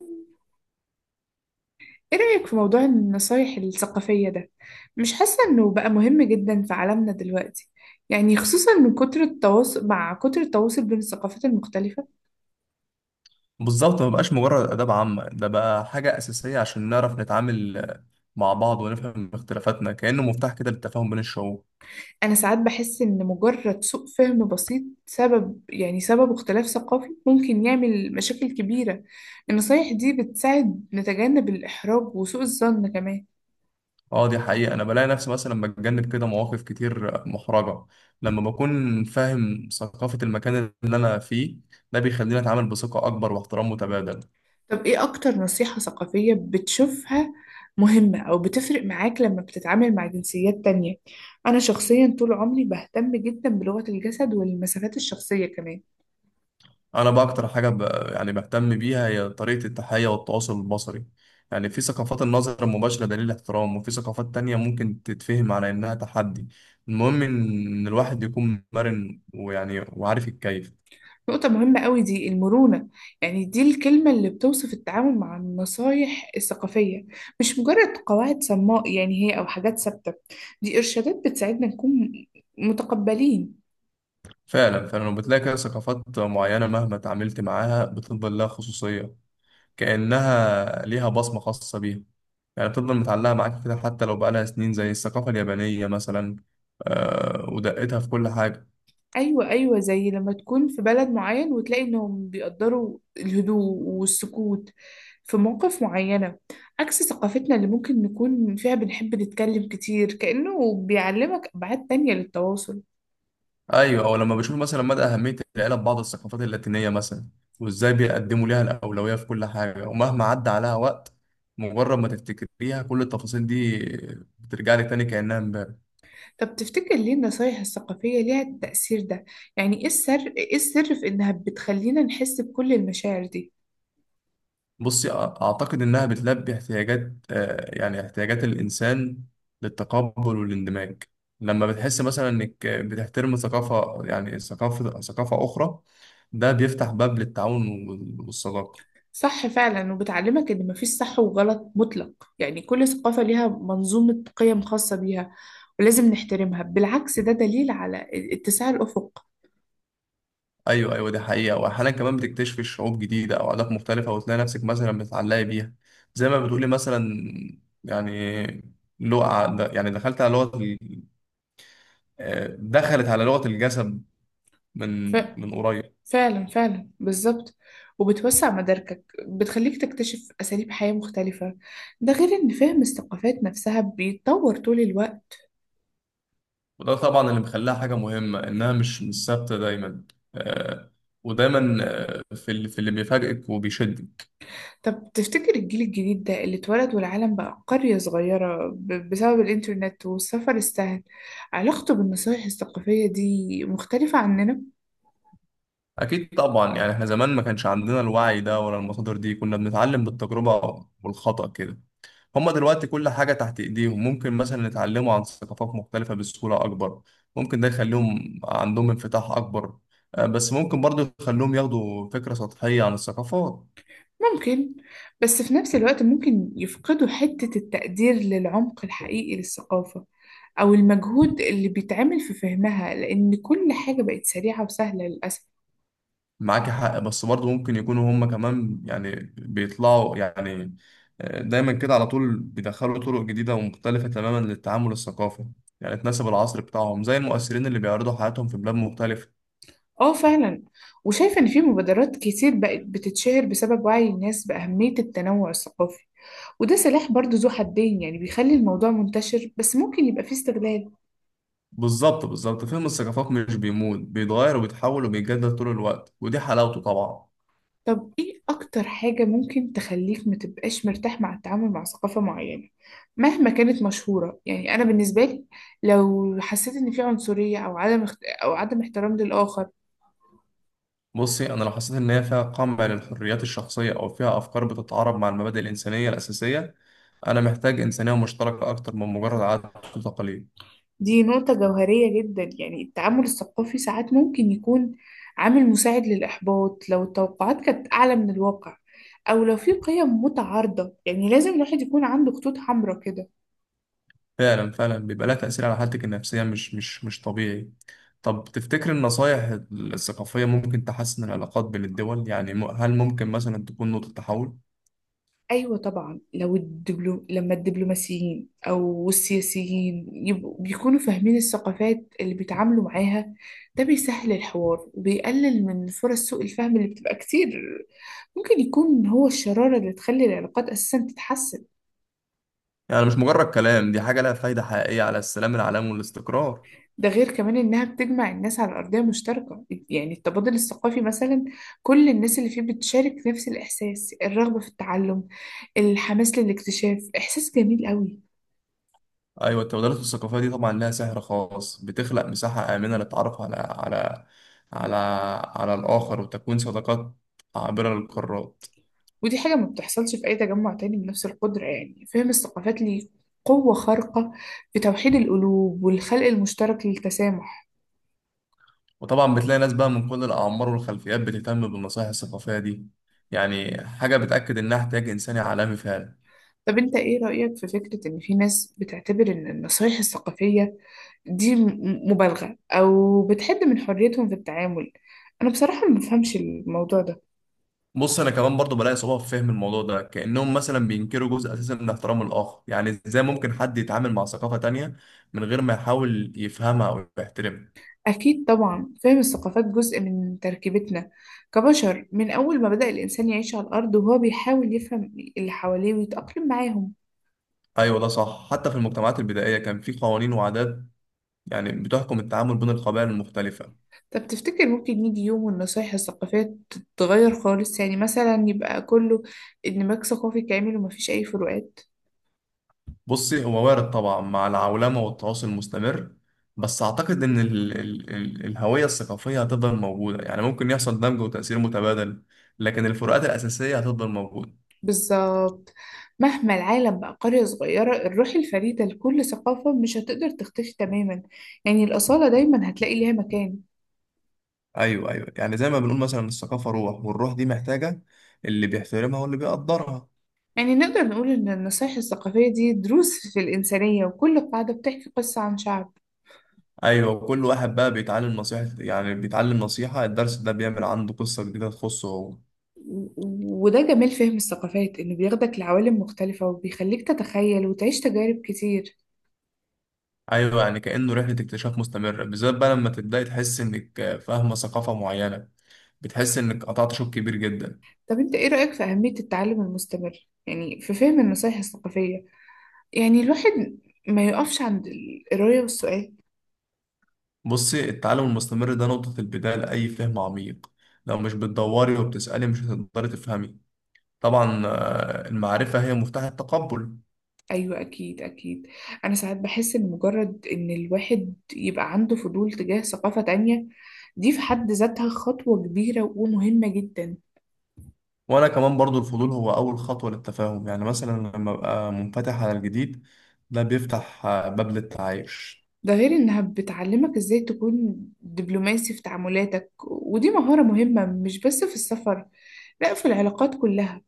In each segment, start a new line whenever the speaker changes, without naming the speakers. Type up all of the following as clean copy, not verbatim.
ايه رأيك في موضوع النصايح الثقافية ده؟ مش حاسة انه بقى مهم جدا في عالمنا دلوقتي، يعني خصوصا من كتر التواصل، بين الثقافات المختلفة.
بالظبط ما بقاش مجرد آداب عامة، ده بقى حاجة أساسية عشان نعرف نتعامل مع بعض ونفهم اختلافاتنا، كأنه مفتاح كده للتفاهم بين الشعوب.
انا ساعات بحس ان مجرد سوء فهم بسيط سبب، يعني اختلاف ثقافي ممكن يعمل مشاكل كبيرة. النصايح دي بتساعد نتجنب الإحراج وسوء الظن كمان.
اه، دي حقيقة. أنا بلاقي نفسي مثلا بتجنب كده مواقف كتير محرجة لما بكون فاهم ثقافة المكان اللي أنا فيه. ده بيخليني أتعامل بثقة أكبر واحترام متبادل.
طب ايه اكتر نصيحة ثقافية بتشوفها مهمة او بتفرق معاك لما بتتعامل مع جنسيات تانية؟ انا شخصيا طول عمري بهتم جدا بلغة الجسد والمسافات الشخصية كمان.
انا بقى اكتر حاجه يعني بهتم بيها هي طريقه التحيه والتواصل البصري. يعني في ثقافات النظر المباشره دليل احترام، وفي ثقافات تانية ممكن تتفهم على انها تحدي. المهم ان إن الواحد يكون مرن ويعني وعارف يتكيف.
نقطة مهمة قوي دي، المرونة. يعني دي الكلمة اللي بتوصف التعامل مع النصايح الثقافية، مش مجرد قواعد صماء يعني هي او حاجات ثابتة، دي ارشادات بتساعدنا نكون متقبلين.
فعلا فعلا، وبتلاقي كده ثقافات معينه مهما تعاملت معاها بتفضل لها خصوصيه، كانها ليها بصمه خاصه بيها. يعني بتفضل متعلقة معاك كده حتى لو بقالها سنين، زي الثقافة اليابانية مثلا ودقتها في كل حاجة.
ايوه ايوه، زي لما تكون في بلد معين وتلاقي انهم بيقدروا الهدوء والسكوت في مواقف معينة، عكس ثقافتنا اللي ممكن نكون فيها بنحب نتكلم كتير، كأنه بيعلمك أبعاد تانية للتواصل.
ايوه، او لما بشوف مثلا مدى اهميه العيله في بعض الثقافات اللاتينيه مثلا، وازاي بيقدموا ليها الاولويه في كل حاجه. ومهما عدى عليها وقت، مجرد ما تفتكريها كل التفاصيل دي بترجع لك تاني كانها امبارح.
طب تفتكر ليه النصايح الثقافية ليها التأثير ده؟ يعني ايه السر، في انها بتخلينا نحس بكل المشاعر دي؟
بصي، اعتقد انها بتلبي احتياجات، يعني احتياجات الانسان للتقبل والاندماج. لما بتحس مثلا انك بتحترم ثقافه، يعني ثقافه اخرى، ده بيفتح باب للتعاون وال- والصداقه.
صح فعلا، وبتعلمك ان مفيش صح وغلط مطلق، يعني كل ثقافة ليها منظومة قيم خاصة بيها ولازم نحترمها، بالعكس ده دليل على اتساع الأفق.
ايوه ايوه، دي حقيقه. واحيانا كمان بتكتشفي شعوب جديده او عادات مختلفه وتلاقي نفسك مثلا بتتعلقي بيها، زي ما بتقولي مثلا. يعني لغه، يعني دخلت على دخلت على لغه الجسد من
ف...
من قريب.
فعلا فعلا بالظبط، وبتوسع مداركك، بتخليك تكتشف أساليب حياة مختلفة، ده غير ان فهم الثقافات نفسها بيتطور طول الوقت.
وده طبعا اللي مخليها حاجه مهمه، انها مش ثابته دايما. آه، ودايما في اللي بيفاجئك وبيشدك.
طب تفتكر الجيل الجديد ده اللي اتولد والعالم بقى قرية صغيرة بسبب الإنترنت والسفر السهل، علاقته بالنصايح الثقافية دي مختلفة عننا؟
اكيد طبعا، يعني احنا زمان ما كانش عندنا الوعي ده ولا المصادر دي. كنا بنتعلم بالتجربه والخطأ كده. هما دلوقتي كل حاجة تحت إيديهم، ممكن مثلا يتعلموا عن ثقافات مختلفة بسهولة أكبر. ممكن ده يخليهم عندهم انفتاح أكبر، بس ممكن برضو يخليهم ياخدوا فكرة سطحية عن الثقافات.
ممكن، بس في نفس الوقت ممكن يفقدوا حتة التقدير للعمق الحقيقي للثقافة أو المجهود اللي بيتعمل في فهمها، لأن كل حاجة بقت سريعة وسهلة للأسف.
معاك حق، بس برضو ممكن يكونوا هما كمان يعني بيطلعوا دايما كده على طول بيدخلوا طرق جديدة ومختلفة تماما للتعامل الثقافي، يعني تناسب العصر بتاعهم، زي المؤثرين اللي بيعرضوا حياتهم في بلاد مختلفة.
اه فعلا، وشايفة إن في مبادرات كتير بقت بتتشهر بسبب وعي الناس بأهمية التنوع الثقافي، وده سلاح برضو ذو حدين، يعني بيخلي الموضوع منتشر بس ممكن يبقى فيه استغلال.
بالظبط بالظبط. فهم الثقافات مش بيموت، بيتغير وبيتحول وبيتجدد طول الوقت، ودي حلاوته طبعا.
طب ايه اكتر حاجة ممكن تخليك متبقاش مرتاح مع التعامل مع ثقافة معينة مهما كانت مشهورة؟ يعني انا بالنسبة لي، لو حسيت ان في عنصرية او عدم او عدم احترام للآخر.
بصي، انا لو حسيت ان هي فيها قمع للحريات الشخصيه، او فيها افكار بتتعارض مع المبادئ الانسانيه الاساسيه، انا محتاج انسانيه مشتركه اكتر من مجرد عادات وتقاليد.
دي نقطة جوهرية جدا، يعني التعامل الثقافي ساعات ممكن يكون عامل مساعد للإحباط لو التوقعات كانت أعلى من الواقع، أو لو في قيم متعارضة، يعني لازم الواحد يكون عنده خطوط حمراء كده.
فعلا فعلا، بيبقى لها تاثير على حالتك النفسيه مش طبيعي. طب تفتكر النصايح الثقافيه ممكن تحسن العلاقات بين الدول؟ يعني هل ممكن مثلا تكون نقطه تحول؟
أيوة طبعا، لما الدبلوماسيين أو السياسيين يبقوا بيكونوا فاهمين الثقافات اللي بيتعاملوا معاها، ده بيسهل الحوار وبيقلل من فرص سوء الفهم اللي بتبقى كتير، ممكن يكون هو الشرارة اللي تخلي العلاقات أساسا تتحسن.
يعني مش مجرد كلام، دي حاجه لها فايده حقيقيه على السلام العالمي والاستقرار.
ده غير كمان إنها بتجمع الناس على أرضية مشتركة، يعني التبادل الثقافي مثلا، كل الناس اللي فيه بتشارك نفس الإحساس، الرغبة في التعلم، الحماس للاكتشاف، إحساس جميل قوي.
ايوه، التبادلات الثقافيه دي طبعا لها سحر خاص. بتخلق مساحه امنه للتعرف على على الاخر وتكوين صداقات عابره للقارات.
ودي حاجة ما بتحصلش في أي تجمع تاني بنفس القدرة، يعني فهم الثقافات ليه قوة خارقة في توحيد القلوب والخلق المشترك للتسامح.
وطبعا بتلاقي ناس بقى من كل الاعمار والخلفيات بتهتم بالنصائح الثقافيه دي، يعني حاجه بتاكد انها احتياج انساني عالمي فعلا.
طب أنت إيه رأيك في فكرة إن في ناس بتعتبر إن النصايح الثقافية دي مبالغة أو بتحد من حريتهم في التعامل؟ أنا بصراحة ما بفهمش الموضوع ده.
بص، انا كمان برضو بلاقي صعوبه في فهم الموضوع ده. كانهم مثلا بينكروا جزء اساسي من احترام الاخر. يعني ازاي ممكن حد يتعامل مع ثقافه تانية من غير ما يحاول يفهمها او يحترمها؟
أكيد طبعا، فهم الثقافات جزء من تركيبتنا كبشر، من أول ما بدأ الإنسان يعيش على الأرض وهو بيحاول يفهم اللي حواليه ويتأقلم معاهم.
ايوه ده صح، حتى في المجتمعات البدائيه كان في قوانين وعادات يعني بتحكم التعامل بين القبائل المختلفه.
طب تفتكر ممكن يجي يوم والنصايح الثقافية تتغير خالص، يعني مثلا يبقى كله اندماج ثقافي كامل ومفيش أي فروقات؟
بصي، هو وارد طبعا مع العولمه والتواصل المستمر، بس اعتقد ان ال الهويه الثقافيه هتفضل موجوده. يعني ممكن يحصل دمج وتاثير متبادل، لكن الفروقات الاساسيه هتفضل موجوده.
بالظبط، مهما العالم بقى قرية صغيرة، الروح الفريدة لكل ثقافة مش هتقدر تختفي تماما، يعني الأصالة دايما هتلاقي ليها مكان.
ايوه ايوه، يعني زي ما بنقول مثلا الثقافه روح، والروح دي محتاجه اللي بيحترمها واللي بيقدرها.
يعني نقدر نقول إن النصايح الثقافية دي دروس في الإنسانية، وكل قاعدة بتحكي قصة عن شعب.
ايوه، كل واحد بقى بيتعلم نصيحه، يعني بيتعلم الدرس ده بيعمل عنده قصه جديده تخصه هو.
وده جمال فهم الثقافات، إنه بياخدك لعوالم مختلفة وبيخليك تتخيل وتعيش تجارب كتير.
ايوه، يعني كانه رحله اكتشاف مستمره. بالذات بقى لما تبداي تحس انك فاهمه ثقافه معينه، بتحس انك قطعت شوط كبير جدا.
طب انت ايه رأيك في أهمية التعلم المستمر يعني في فهم النصايح الثقافية؟ يعني الواحد ما يقفش عند القراية والسؤال.
بصي، التعلم المستمر ده نقطه البدايه لاي فهم عميق. لو مش بتدوري وبتسالي مش هتقدري تفهمي طبعا. المعرفه هي مفتاح التقبل.
ايوه اكيد اكيد، انا ساعات بحس ان مجرد ان الواحد يبقى عنده فضول تجاه ثقافة تانية، دي في حد ذاتها خطوة كبيرة ومهمة جدا.
وانا كمان برضو، الفضول هو اول خطوه للتفاهم. يعني مثلا لما ابقى منفتح على الجديد، ده بيفتح باب للتعايش.
ده غير انها بتعلمك ازاي تكون دبلوماسي في تعاملاتك، ودي مهارة مهمة مش بس في السفر، لا في العلاقات كلها.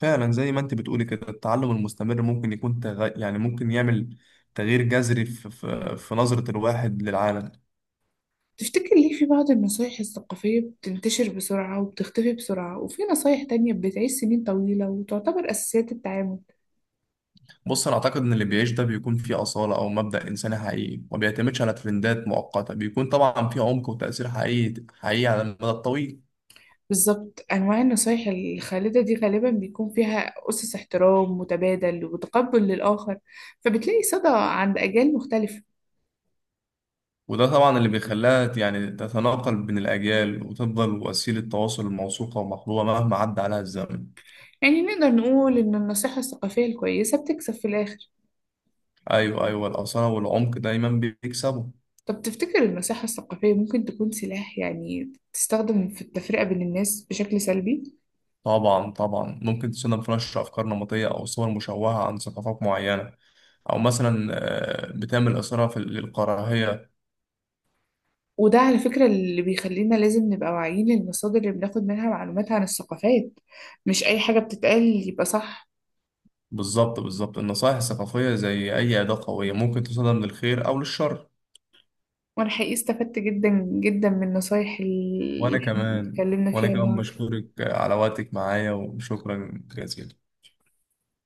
فعلا، زي ما انت بتقولي كده التعلم المستمر ممكن يعني ممكن يعمل تغيير جذري في نظرة الواحد للعالم.
تفتكر ليه في بعض النصايح الثقافية بتنتشر بسرعة وبتختفي بسرعة، وفي نصايح تانية بتعيش سنين طويلة وتعتبر أساسيات التعامل؟
بص، انا اعتقد ان اللي بيعيش ده بيكون فيه أصالة او مبدأ انساني حقيقي، ما بيعتمدش على ترندات مؤقتة. بيكون طبعا فيه عمق وتأثير حقيقي على المدى الطويل.
بالظبط، أنواع النصايح الخالدة دي غالبا بيكون فيها أسس احترام متبادل وتقبل للآخر، فبتلاقي صدى عند أجيال مختلفة.
وده طبعا اللي بيخليها يعني تتناقل بين الأجيال وتفضل وسيلة تواصل موثوقة ومحبوبة مهما عدى عليها الزمن.
يعني نقدر نقول إن النصيحة الثقافية الكويسة بتكسب في الآخر.
أيوه أيوه، الأصالة والعمق دايما بيكسبوا.
طب تفتكر النصيحة الثقافية ممكن تكون سلاح، يعني تستخدم في التفرقة بين الناس بشكل سلبي؟
طبعا طبعا، ممكن تستخدم في نشر أفكار نمطية أو صور مشوهة عن ثقافات معينة، أو مثلا بتعمل إثارة في للكراهية.
وده على فكرة اللي بيخلينا لازم نبقى واعيين للمصادر اللي بناخد منها معلومات عن الثقافات، مش أي حاجة بتتقال يبقى صح.
بالظبط بالظبط، النصائح الثقافية زي أي أداة قوية ممكن تستخدم للخير أو للشر.
وأنا حقيقي استفدت جدا جدا من النصايح اللي
وأنا
إحنا
كمان،
اتكلمنا
وأنا
فيها
كمان
النهاردة.
بشكرك على وقتك معايا، وشكرا جزيلا.